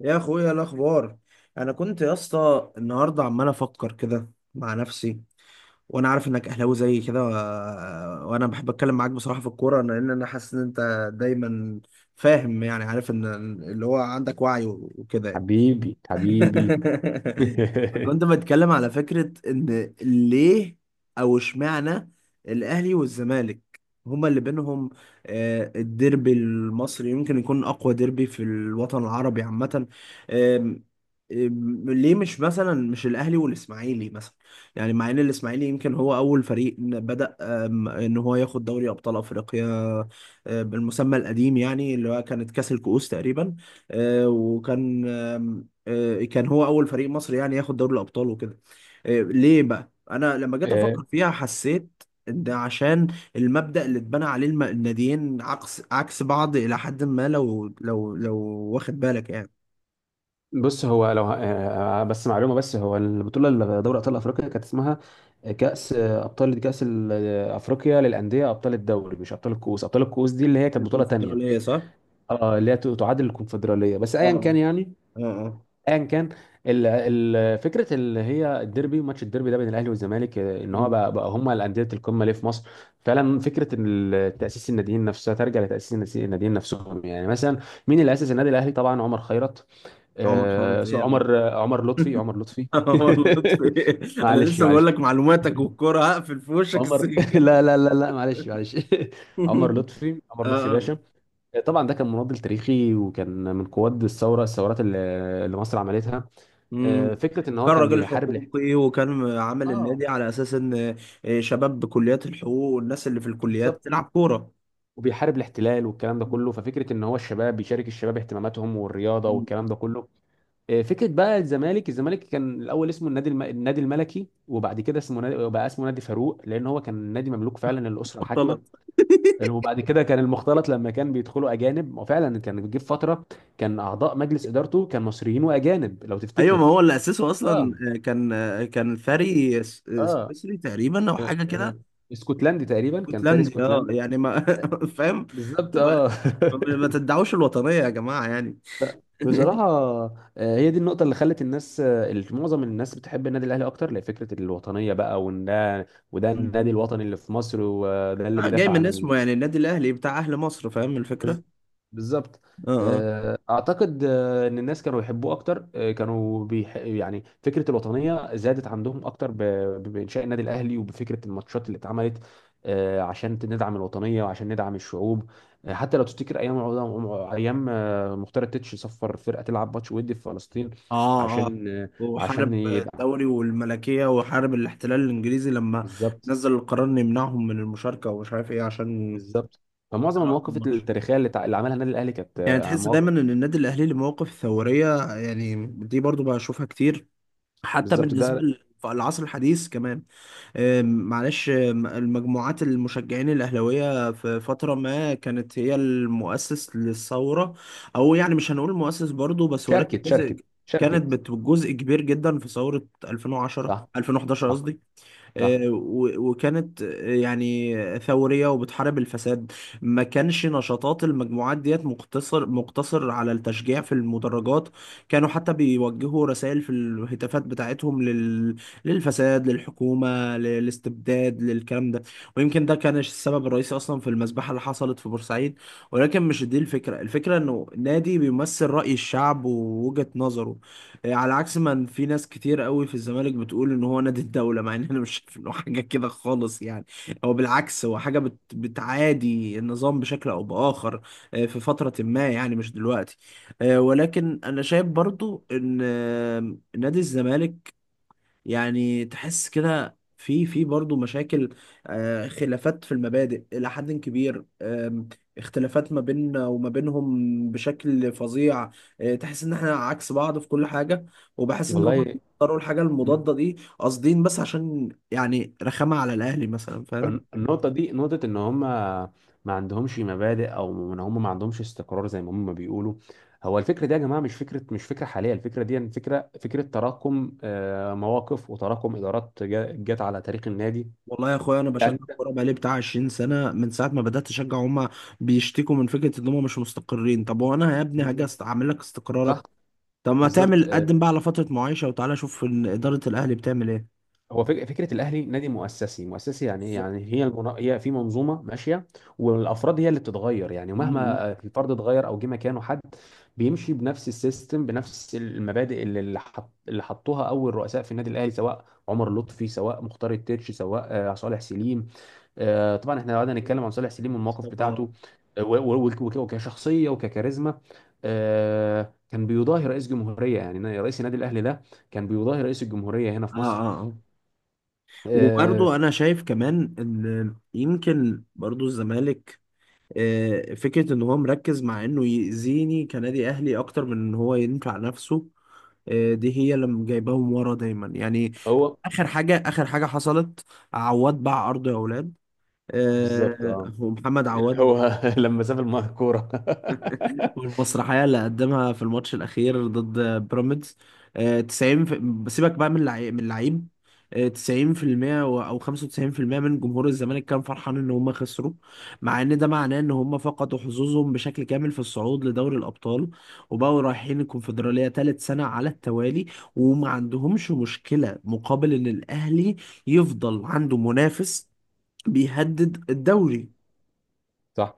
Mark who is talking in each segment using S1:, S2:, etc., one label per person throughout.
S1: يا اخويا، إيه الاخبار؟ انا كنت يا اسطى النهارده عمال افكر كده مع نفسي، وانا عارف انك اهلاوي زي كده. وانا بحب اتكلم معاك بصراحه في الكوره، لان انا حاسس ان انت دايما فاهم، يعني عارف ان اللي هو عندك وعي وكده يعني.
S2: حبيبي حبيبي.
S1: كنت بتكلم على فكرة إن ليه أو اشمعنى الأهلي والزمالك هما اللي بينهم، الديربي المصري يمكن يكون أقوى ديربي في الوطن العربي عامة. آم، آم، ليه مش مثلا، مش الأهلي والإسماعيلي مثلا؟ يعني مع إن الإسماعيلي يمكن هو أول فريق بدأ، إن هو ياخد دوري أبطال أفريقيا، بالمسمى القديم، يعني اللي هو كانت كأس الكؤوس تقريبا. آه، وكان آه، كان هو اول فريق مصري يعني ياخد دوري الابطال وكده. ليه بقى انا لما جيت
S2: آه،
S1: افكر فيها، حسيت ان ده عشان المبدأ اللي اتبنى عليه الناديين عكس بعض الى حد ما، لو واخد بالك يعني.
S2: بص هو لو بس معلومه، بس هو البطوله اللي دوري ابطال افريقيا كانت اسمها كاس ابطال، كاس ال- آه، افريقيا للانديه ابطال الدوري، مش ابطال الكؤوس. ابطال الكؤوس دي اللي هي كانت بطوله تانيه.
S1: الكونفدرالية صح.
S2: اه، اللي هي تعادل الكونفدراليه. بس
S1: اه
S2: ايا كان يعني،
S1: اه اه.
S2: ايا كان. ال- فكره اللي هي الديربي، ماتش الديربي ده بين الاهلي والزمالك، ان هو
S1: مم.
S2: بقى هم الانديه القمه ليه في مصر. فعلا فكره ان تاسيس الناديين نفسها ترجع لتاسيس الناديين نفسهم. يعني مثلا مين اللي اسس النادي الاهلي؟ طبعا عمر خيرت،
S1: عمر خيرت ايه يا ابني؟
S2: عمر لطفي. عمر لطفي
S1: عمر لطفي إيه؟ انا
S2: معلش
S1: لسه بقول
S2: معلش.
S1: لك معلوماتك، والكوره هقفل في وشك
S2: عمر
S1: السكه.
S2: لا لا لا لا، معلش معلش عمر لطفي، عمر لطفي
S1: اه.
S2: باشا. طبعا ده كان مناضل تاريخي، وكان من قواد الثورات اللي مصر عملتها.
S1: مم.
S2: فكره ان هو
S1: كان
S2: كان
S1: راجل
S2: بيحارب
S1: حقوقي، وكان عامل
S2: اه
S1: النادي على اساس ان شباب بكليات الحقوق والناس اللي في
S2: بالظبط،
S1: الكليات تلعب كوره.
S2: وبيحارب الاحتلال والكلام ده كله. ففكره ان هو الشباب بيشارك الشباب اهتماماتهم، والرياضه والكلام
S1: مم.
S2: ده كله. فكره بقى الزمالك، الزمالك كان الاول اسمه النادي الملكي، وبعد كده بقى اسمه نادي فاروق، لان هو كان نادي مملوك فعلا للاسره الحاكمه.
S1: اختلط.
S2: وبعد كده كان المختلط لما كان بيدخلوا اجانب، وفعلا كان بيجي في فتره كان اعضاء مجلس ادارته كان مصريين واجانب لو
S1: ايوه، ما
S2: تفتكر.
S1: هو اللي اسسه اصلا،
S2: اه
S1: آه، كان آه، كان فري س- آه،
S2: اه.
S1: سويسري تقريبا او
S2: آه،
S1: حاجه
S2: آه،
S1: كده.
S2: اسكتلندي تقريبا، كان ساري
S1: اسكتلندي، اه،
S2: اسكتلندي.
S1: يعني ما فاهم.
S2: بالظبط
S1: وما-
S2: اه
S1: ما تدعوش الوطنيه يا جماعه يعني.
S2: لا، بصراحة هي دي النقطة اللي خلت الناس، معظم الناس بتحب النادي الأهلي أكتر لفكرة الوطنية بقى، وإن ده وده النادي
S1: مم.
S2: الوطني اللي في مصر، وده اللي
S1: جاي
S2: بيدافع
S1: من
S2: عن
S1: اسمه يعني، النادي الاهلي بتاع اهل مصر، فاهم الفكره.
S2: بز- بالظبط.
S1: اه. آه.
S2: اعتقد ان الناس كانوا يحبوه اكتر، يعني فكره الوطنيه زادت عندهم اكتر بانشاء النادي الاهلي، وبفكره الماتشات اللي اتعملت. عشان ندعم الوطنيه، وعشان ندعم الشعوب. حتى لو تفتكر ايام مختار التتش صفر فرقه تلعب ماتش ودي في فلسطين
S1: اه اه.
S2: عشان عشان
S1: وحارب
S2: يدعم.
S1: الدوري والملكية، وحارب الاحتلال الانجليزي لما
S2: بالظبط
S1: نزل القرار انه يمنعهم من المشاركة ومش عارف ايه، عشان
S2: بالظبط. فمعظم
S1: يلعبوا في
S2: المواقف
S1: الماتش.
S2: التاريخيه اللي عملها النادي الاهلي كانت
S1: يعني تحس
S2: مواقف.
S1: دايما ان النادي الاهلي له مواقف ثورية، يعني دي برضو بشوفها كتير، حتى
S2: بالظبط
S1: بالنسبة
S2: ده.
S1: للعصر الحديث كمان. أم، معلش أم، المجموعات المشجعين الأهلاوية في فترة ما كانت هي المؤسس للثورة، أو يعني مش هنقول المؤسس برضو، بس ولكن
S2: شاركت
S1: جزء،
S2: شاركت، شاركت.
S1: جزء كبير جدا في ثورة 2010
S2: صح
S1: 2011
S2: صح،
S1: قصدي.
S2: صح.
S1: وكانت يعني ثورية وبتحارب الفساد. ما كانش نشاطات المجموعات ديت مقتصر على التشجيع في المدرجات، كانوا حتى بيوجهوا رسائل في الهتافات بتاعتهم للفساد، للحكومة، للاستبداد، للكلام ده. ويمكن ده كان السبب الرئيسي أصلا في المذبحة اللي حصلت في بورسعيد. ولكن مش دي الفكرة، الفكرة إنه نادي بيمثل رأي الشعب ووجهة نظره، على عكس ما في ناس كتير قوي في الزمالك بتقول ان هو نادي الدولة، مع ان انا مش شايف انه حاجة كده خالص يعني. هو بالعكس، هو حاجة بتعادي النظام بشكل او باخر، في فترة ما يعني، مش دلوقتي. ولكن انا شايف برضو ان نادي الزمالك، يعني تحس كده في برضه مشاكل، خلافات في المبادئ إلى حد كبير، اختلافات ما بيننا وما بينهم بشكل فظيع. تحس إن إحنا عكس بعض في كل حاجة، وبحس إن هم
S2: والله.
S1: اختاروا الحاجة
S2: الن-
S1: المضادة دي قاصدين، بس عشان يعني رخامة على الأهلي مثلا، فاهم.
S2: النقطة دي، نقطة إن هم ما عندهمش مبادئ، أو إن هم ما عندهمش استقرار زي ما هم بيقولوا. هو الفكرة دي يا جماعة مش فكرة، مش فكرة حالية. الفكرة دي يعني فكرة، فكرة تراكم مواقف وتراكم إدارات جت على تاريخ النادي.
S1: والله يا اخويا، انا بشجع
S2: يعني.
S1: الكوره بقالي بتاع 20 سنه، من ساعه ما بدات اشجع هما بيشتكوا من فكره ان هما مش مستقرين. طب وانا يا ابني هاجي
S2: بالظبط.
S1: اعمل لك استقرارك؟
S2: صح.
S1: طب ما
S2: بالظبط.
S1: تعمل قدم بقى على فترة معايشة، وتعالى شوف إن إدارة الأهلي بتعمل إيه.
S2: هو فكره الاهلي نادي مؤسسي، مؤسسي يعني ايه؟ يعني
S1: بالظبط.
S2: هي هي في منظومه ماشيه، والافراد هي اللي بتتغير. يعني
S1: مم.
S2: مهما الفرد اتغير، او جه مكانه حد بيمشي بنفس السيستم، بنفس المبادئ اللي حطوها اول رؤساء في النادي الاهلي، سواء عمر لطفي، سواء مختار التتش، سواء صالح سليم. طبعا احنا لو قعدنا نتكلم عن صالح سليم والمواقف
S1: مصطفى. اه
S2: بتاعته، وكشخصيه وككاريزما، كان بيضاهي رئيس جمهوريه. يعني رئيس النادي الاهلي ده كان بيضاهي رئيس الجمهورية هنا
S1: اه
S2: في مصر.
S1: اه.
S2: آه،
S1: وبرضو انا شايف كمان ان يمكن برضو الزمالك، فكرة ان هو مركز مع انه يأذيني كنادي اهلي اكتر من ان هو ينفع نفسه، دي هي اللي جايباهم ورا دايما يعني.
S2: هو
S1: اخر حاجة حصلت، عواد باع ارضه يا اولاد.
S2: بالظبط اه.
S1: ومحمد
S2: اللي
S1: عواد
S2: هو لما ساب الكوره.
S1: والمسرحية اللي قدمها في الماتش الأخير ضد بيراميدز. بسيبك بقى من اللعيب. 90% أو 95% من جمهور الزمالك كان فرحان إن هم خسروا، مع إن ده معناه إن هم فقدوا حظوظهم بشكل كامل في الصعود لدوري الأبطال، وبقوا رايحين الكونفدرالية تالت سنة على التوالي، وما عندهمش مشكلة، مقابل إن الأهلي يفضل عنده منافس بيهدد الدوري.
S2: صح.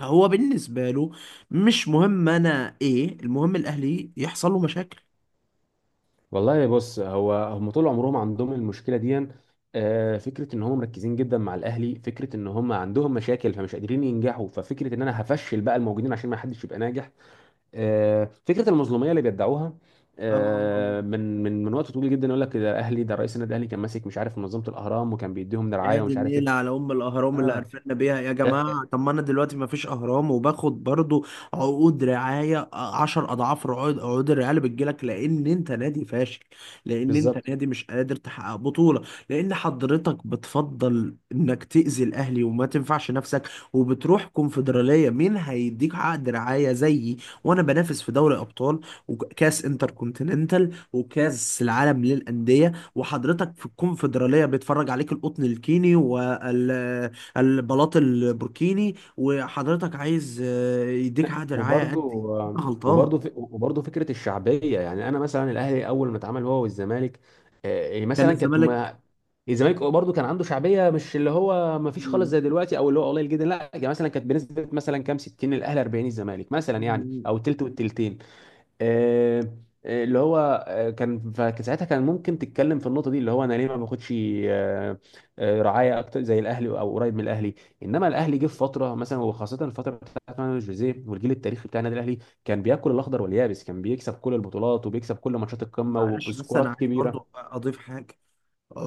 S1: هو بالنسبة له مش مهم أنا إيه، المهم الأهلي يحصل له مشاكل.
S2: والله بص، هو هم طول عمرهم عندهم المشكله دي، فكره ان هم مركزين جدا مع الاهلي. فكره ان هم عندهم مشاكل فمش قادرين ينجحوا، ففكره ان انا هفشل بقى الموجودين عشان ما حدش يبقى ناجح. فكره المظلوميه اللي بيدعوها
S1: اه.
S2: من وقت طويل جدا. يقول لك ده الاهلي، ده رئيس النادي الاهلي كان ماسك مش عارف منظمه الاهرام، وكان بيديهم
S1: يا
S2: دراعيه
S1: دي
S2: ومش عارف ايه.
S1: النيلة على أم الأهرام اللي
S2: اه
S1: قرفنا بيها يا
S2: لا
S1: جماعة. طب ما أنا دلوقتي ما فيش أهرام، وباخد برضو عقود رعاية عشر أضعاف عقود الرعاية اللي بتجيلك، لأن أنت نادي فاشل، لأن
S2: بالظبط.
S1: أنت نادي مش قادر تحقق بطولة، لأن حضرتك بتفضل إنك تأذي الأهلي وما تنفعش نفسك. وبتروح كونفدرالية، مين هيديك عقد رعاية زيي؟ وأنا بنافس في دوري أبطال وكأس انتر كونتيننتال وكأس العالم للأندية، وحضرتك في الكونفدرالية بيتفرج عليك القطن الكيني والبلاط البوركيني، وحضرتك عايز يديك عقد رعاية
S2: وبرضه
S1: قد ايه؟ أنت غلطان.
S2: وبرضه فكره الشعبيه، يعني انا مثلا الاهلي اول ما اتعمل هو والزمالك، يعني
S1: كان
S2: مثلا كانت
S1: الزمالك.
S2: ما الزمالك برضه كان عنده شعبيه، مش اللي هو ما فيش خالص زي دلوقتي، او اللي هو قليل جدا، لا. يعني مثلا كانت بنسبه مثلا كام، 60 الاهلي 40 الزمالك مثلا، يعني او تلت والتلتين. آه، آه، اللي هو آه، كان فساعتها كان ممكن تتكلم في النقطه دي، اللي هو انا ليه ما باخدش آه، رعايه اكتر زي الاهلي او قريب من الاهلي. انما الاهلي جه في فتره مثلا، وخاصه الفتره بتاعت مان جوزيه والجيل التاريخي بتاع النادي الاهلي، كان بياكل الاخضر واليابس، كان بيكسب كل البطولات وبيكسب كل ماتشات القمه
S1: معلش، بس انا
S2: وبسكورات
S1: عايز
S2: كبيره.
S1: برضو اضيف حاجة،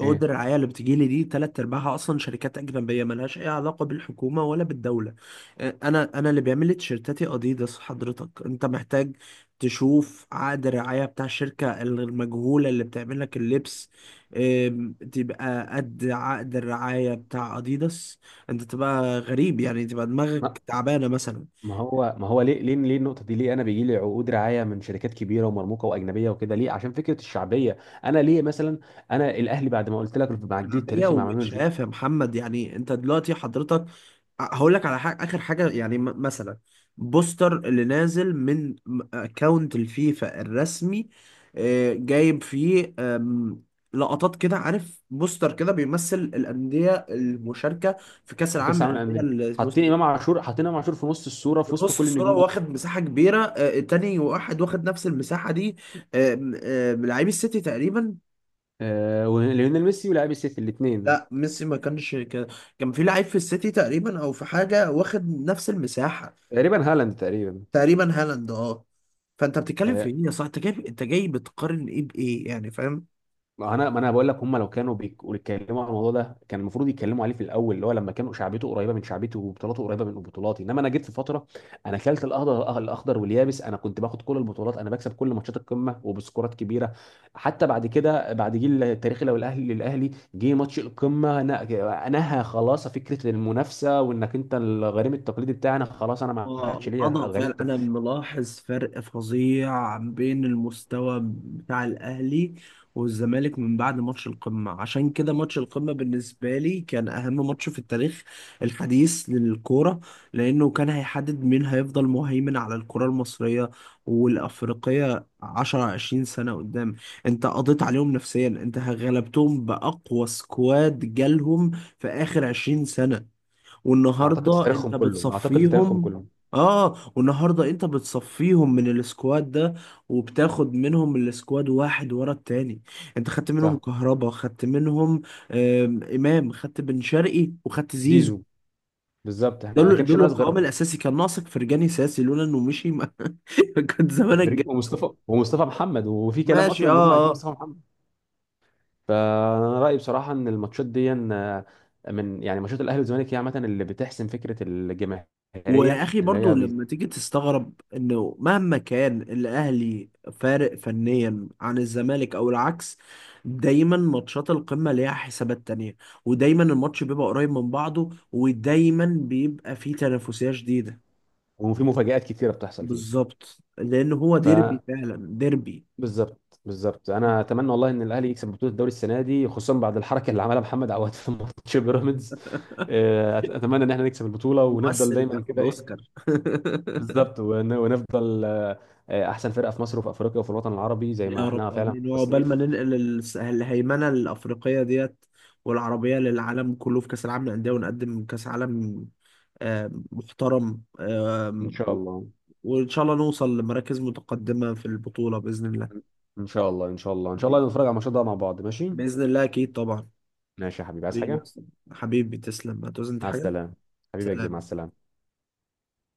S2: ايه.
S1: الرعايه اللي بتجيلي دي تلات ارباعها اصلا شركات اجنبيه ملهاش اي علاقه بالحكومه ولا بالدوله. انا اللي بيعمل لي تيشيرتاتي اديداس، حضرتك انت محتاج تشوف عقد الرعايه بتاع الشركه المجهوله اللي بتعمل لك اللبس، تبقى قد عقد الرعايه بتاع اديداس. انت تبقى غريب يعني، تبقى
S2: ما
S1: دماغك تعبانه مثلا.
S2: ما هو ليه، ليه النقطه دي؟ ليه انا بيجي لي عقود رعايه من شركات كبيره ومرموقه واجنبيه وكده؟ ليه؟ عشان فكره الشعبيه. انا ليه مثلا، انا الاهلي بعد ما قلت لك مع الجيل
S1: شعبيه
S2: التاريخي مع مانويل،
S1: ومتشاف يا محمد، يعني انت دلوقتي حضرتك هقول لك على حاجة، آخر حاجة يعني، مثلا بوستر اللي نازل من اكونت الفيفا الرسمي، جايب فيه لقطات كده، عارف بوستر كده بيمثل الأندية المشاركة في كأس
S2: في
S1: العالم
S2: كاس العالم
S1: للأندية
S2: للانديه
S1: الموسم
S2: حاطين
S1: الجاي.
S2: امام عاشور، حاطين امام عاشور في نص الصوره،
S1: في
S2: في وسط
S1: نص
S2: كل
S1: الصورة،
S2: النجوم دول.
S1: واخد مساحة كبيرة. تاني واحد واخد نفس المساحة دي، آم، آم، لعيب السيتي تقريبا.
S2: آه، وليونيل ميسي ولاعب السيتي الاثنين،
S1: لا، ميسي ما كانش كده. كان في لعيب في السيتي تقريبا او في حاجة واخد نفس المساحة.
S2: تقريبا هالاند تقريبا.
S1: تقريبا هالاند. اه. فانت بتتكلم في
S2: آه،
S1: ايه يا صاحبي؟ انت جاي بتقارن ايه بايه يعني، فاهم.
S2: ما انا، ما انا بقول لك هم لو كانوا بيتكلموا على الموضوع ده، كان المفروض يتكلموا عليه في الاول، اللي هو لما كانوا شعبيته قريبه من شعبيته، وبطولاته قريبه من بطولاتي. انما انا جيت في فتره، انا كلت الاخضر واليابس، انا كنت باخد كل البطولات، انا بكسب كل ماتشات القمه وبسكورات كبيره. حتى بعد كده، بعد جيل التاريخي لو الاهلي للاهلي جه ماتش القمه، نهى خلاص فكره المنافسه، وانك انت الغريم التقليدي بتاعنا. خلاص، انا ما
S1: اه،
S2: عادش ليا
S1: الوضع
S2: غريم.
S1: فعلا انا ملاحظ فرق فظيع بين المستوى بتاع الاهلي والزمالك من بعد ماتش القمه، عشان كده ماتش القمه بالنسبه لي كان اهم ماتش في التاريخ الحديث للكوره، لانه كان هيحدد مين هيفضل مهيمن على الكره المصريه والافريقيه 10 20 سنه قدام. انت قضيت عليهم نفسيا، انت غلبتهم باقوى سكواد جالهم في اخر 20 سنه، والنهارده انت
S2: اعتقد في تاريخهم
S1: بتصفيهم.
S2: كله.
S1: اه، والنهارده انت بتصفيهم من السكواد ده، وبتاخد منهم السكواد واحد ورا التاني. انت خدت منهم
S2: صح.
S1: كهربا، خدت منهم امام، خدت بن شرقي، وخدت زيزو.
S2: زيزو. بالظبط. احنا ما
S1: دول
S2: كانش
S1: دول
S2: ناس غير
S1: القوام الاساسي. كان ناقصك فرجاني ساسي، لولا انه مشي ما كنت زمانك
S2: فريق،
S1: جاي.
S2: ومصطفى، ومصطفى محمد، وفي كلام
S1: ماشي،
S2: اصلا
S1: اه
S2: ان هم عايزين
S1: اه.
S2: مصطفى محمد. فانا رايي بصراحه ان الماتشات دي من يعني ماتشات الاهلي والزمالك، هي عامه اللي بتحسم فكره
S1: ويا
S2: الجماهيريه
S1: اخي
S2: اللي
S1: برضو
S2: هي
S1: لما تيجي تستغرب انه مهما كان الاهلي فارق فنيا عن الزمالك او العكس، دايما ماتشات القمة ليها حسابات تانية، ودايما الماتش بيبقى قريب من بعضه، ودايما بيبقى فيه تنافسية شديدة.
S2: وفي مفاجآت كتيره بتحصل فيه.
S1: بالظبط، لان هو
S2: ف
S1: ديربي فعلا ديربي.
S2: بالظبط بالظبط. انا اتمنى والله ان الاهلي يكسب بطوله الدوري السنه دي، خصوصا بعد الحركه اللي عملها محمد عواد في ماتش بيراميدز. اتمنى ان احنا نكسب البطوله، ونفضل
S1: ممثل اللي
S2: دايما
S1: اخد
S2: كده، ايه.
S1: اوسكار.
S2: بالظبط ونفضل احسن فرقه في مصر، وفي افريقيا، وفي الوطن العربي، زي ما
S1: يا
S2: احنا
S1: رب
S2: فعلا في
S1: امين، وعقبال ما
S2: التصنيف.
S1: ننقل الهيمنه الافريقيه ديت والعربيه للعالم كله في كاس العالم للانديه، ونقدم كاس عالم محترم.
S2: ان شاء الله.
S1: وان شاء الله نوصل لمراكز متقدمه في البطوله باذن الله.
S2: ان شاء الله ان شاء الله، ان شاء الله نتفرج على الماتش ده مع بعض. ماشي.
S1: باذن الله اكيد طبعا.
S2: ماشي يا حبيبي، عايز
S1: حبيبي يا
S2: حاجه؟
S1: أسطى. حبيبي تسلم، هتعوز انت
S2: مع
S1: حاجه؟
S2: السلامه. حبيبي يا كبير، مع
S1: سلام.
S2: السلامه.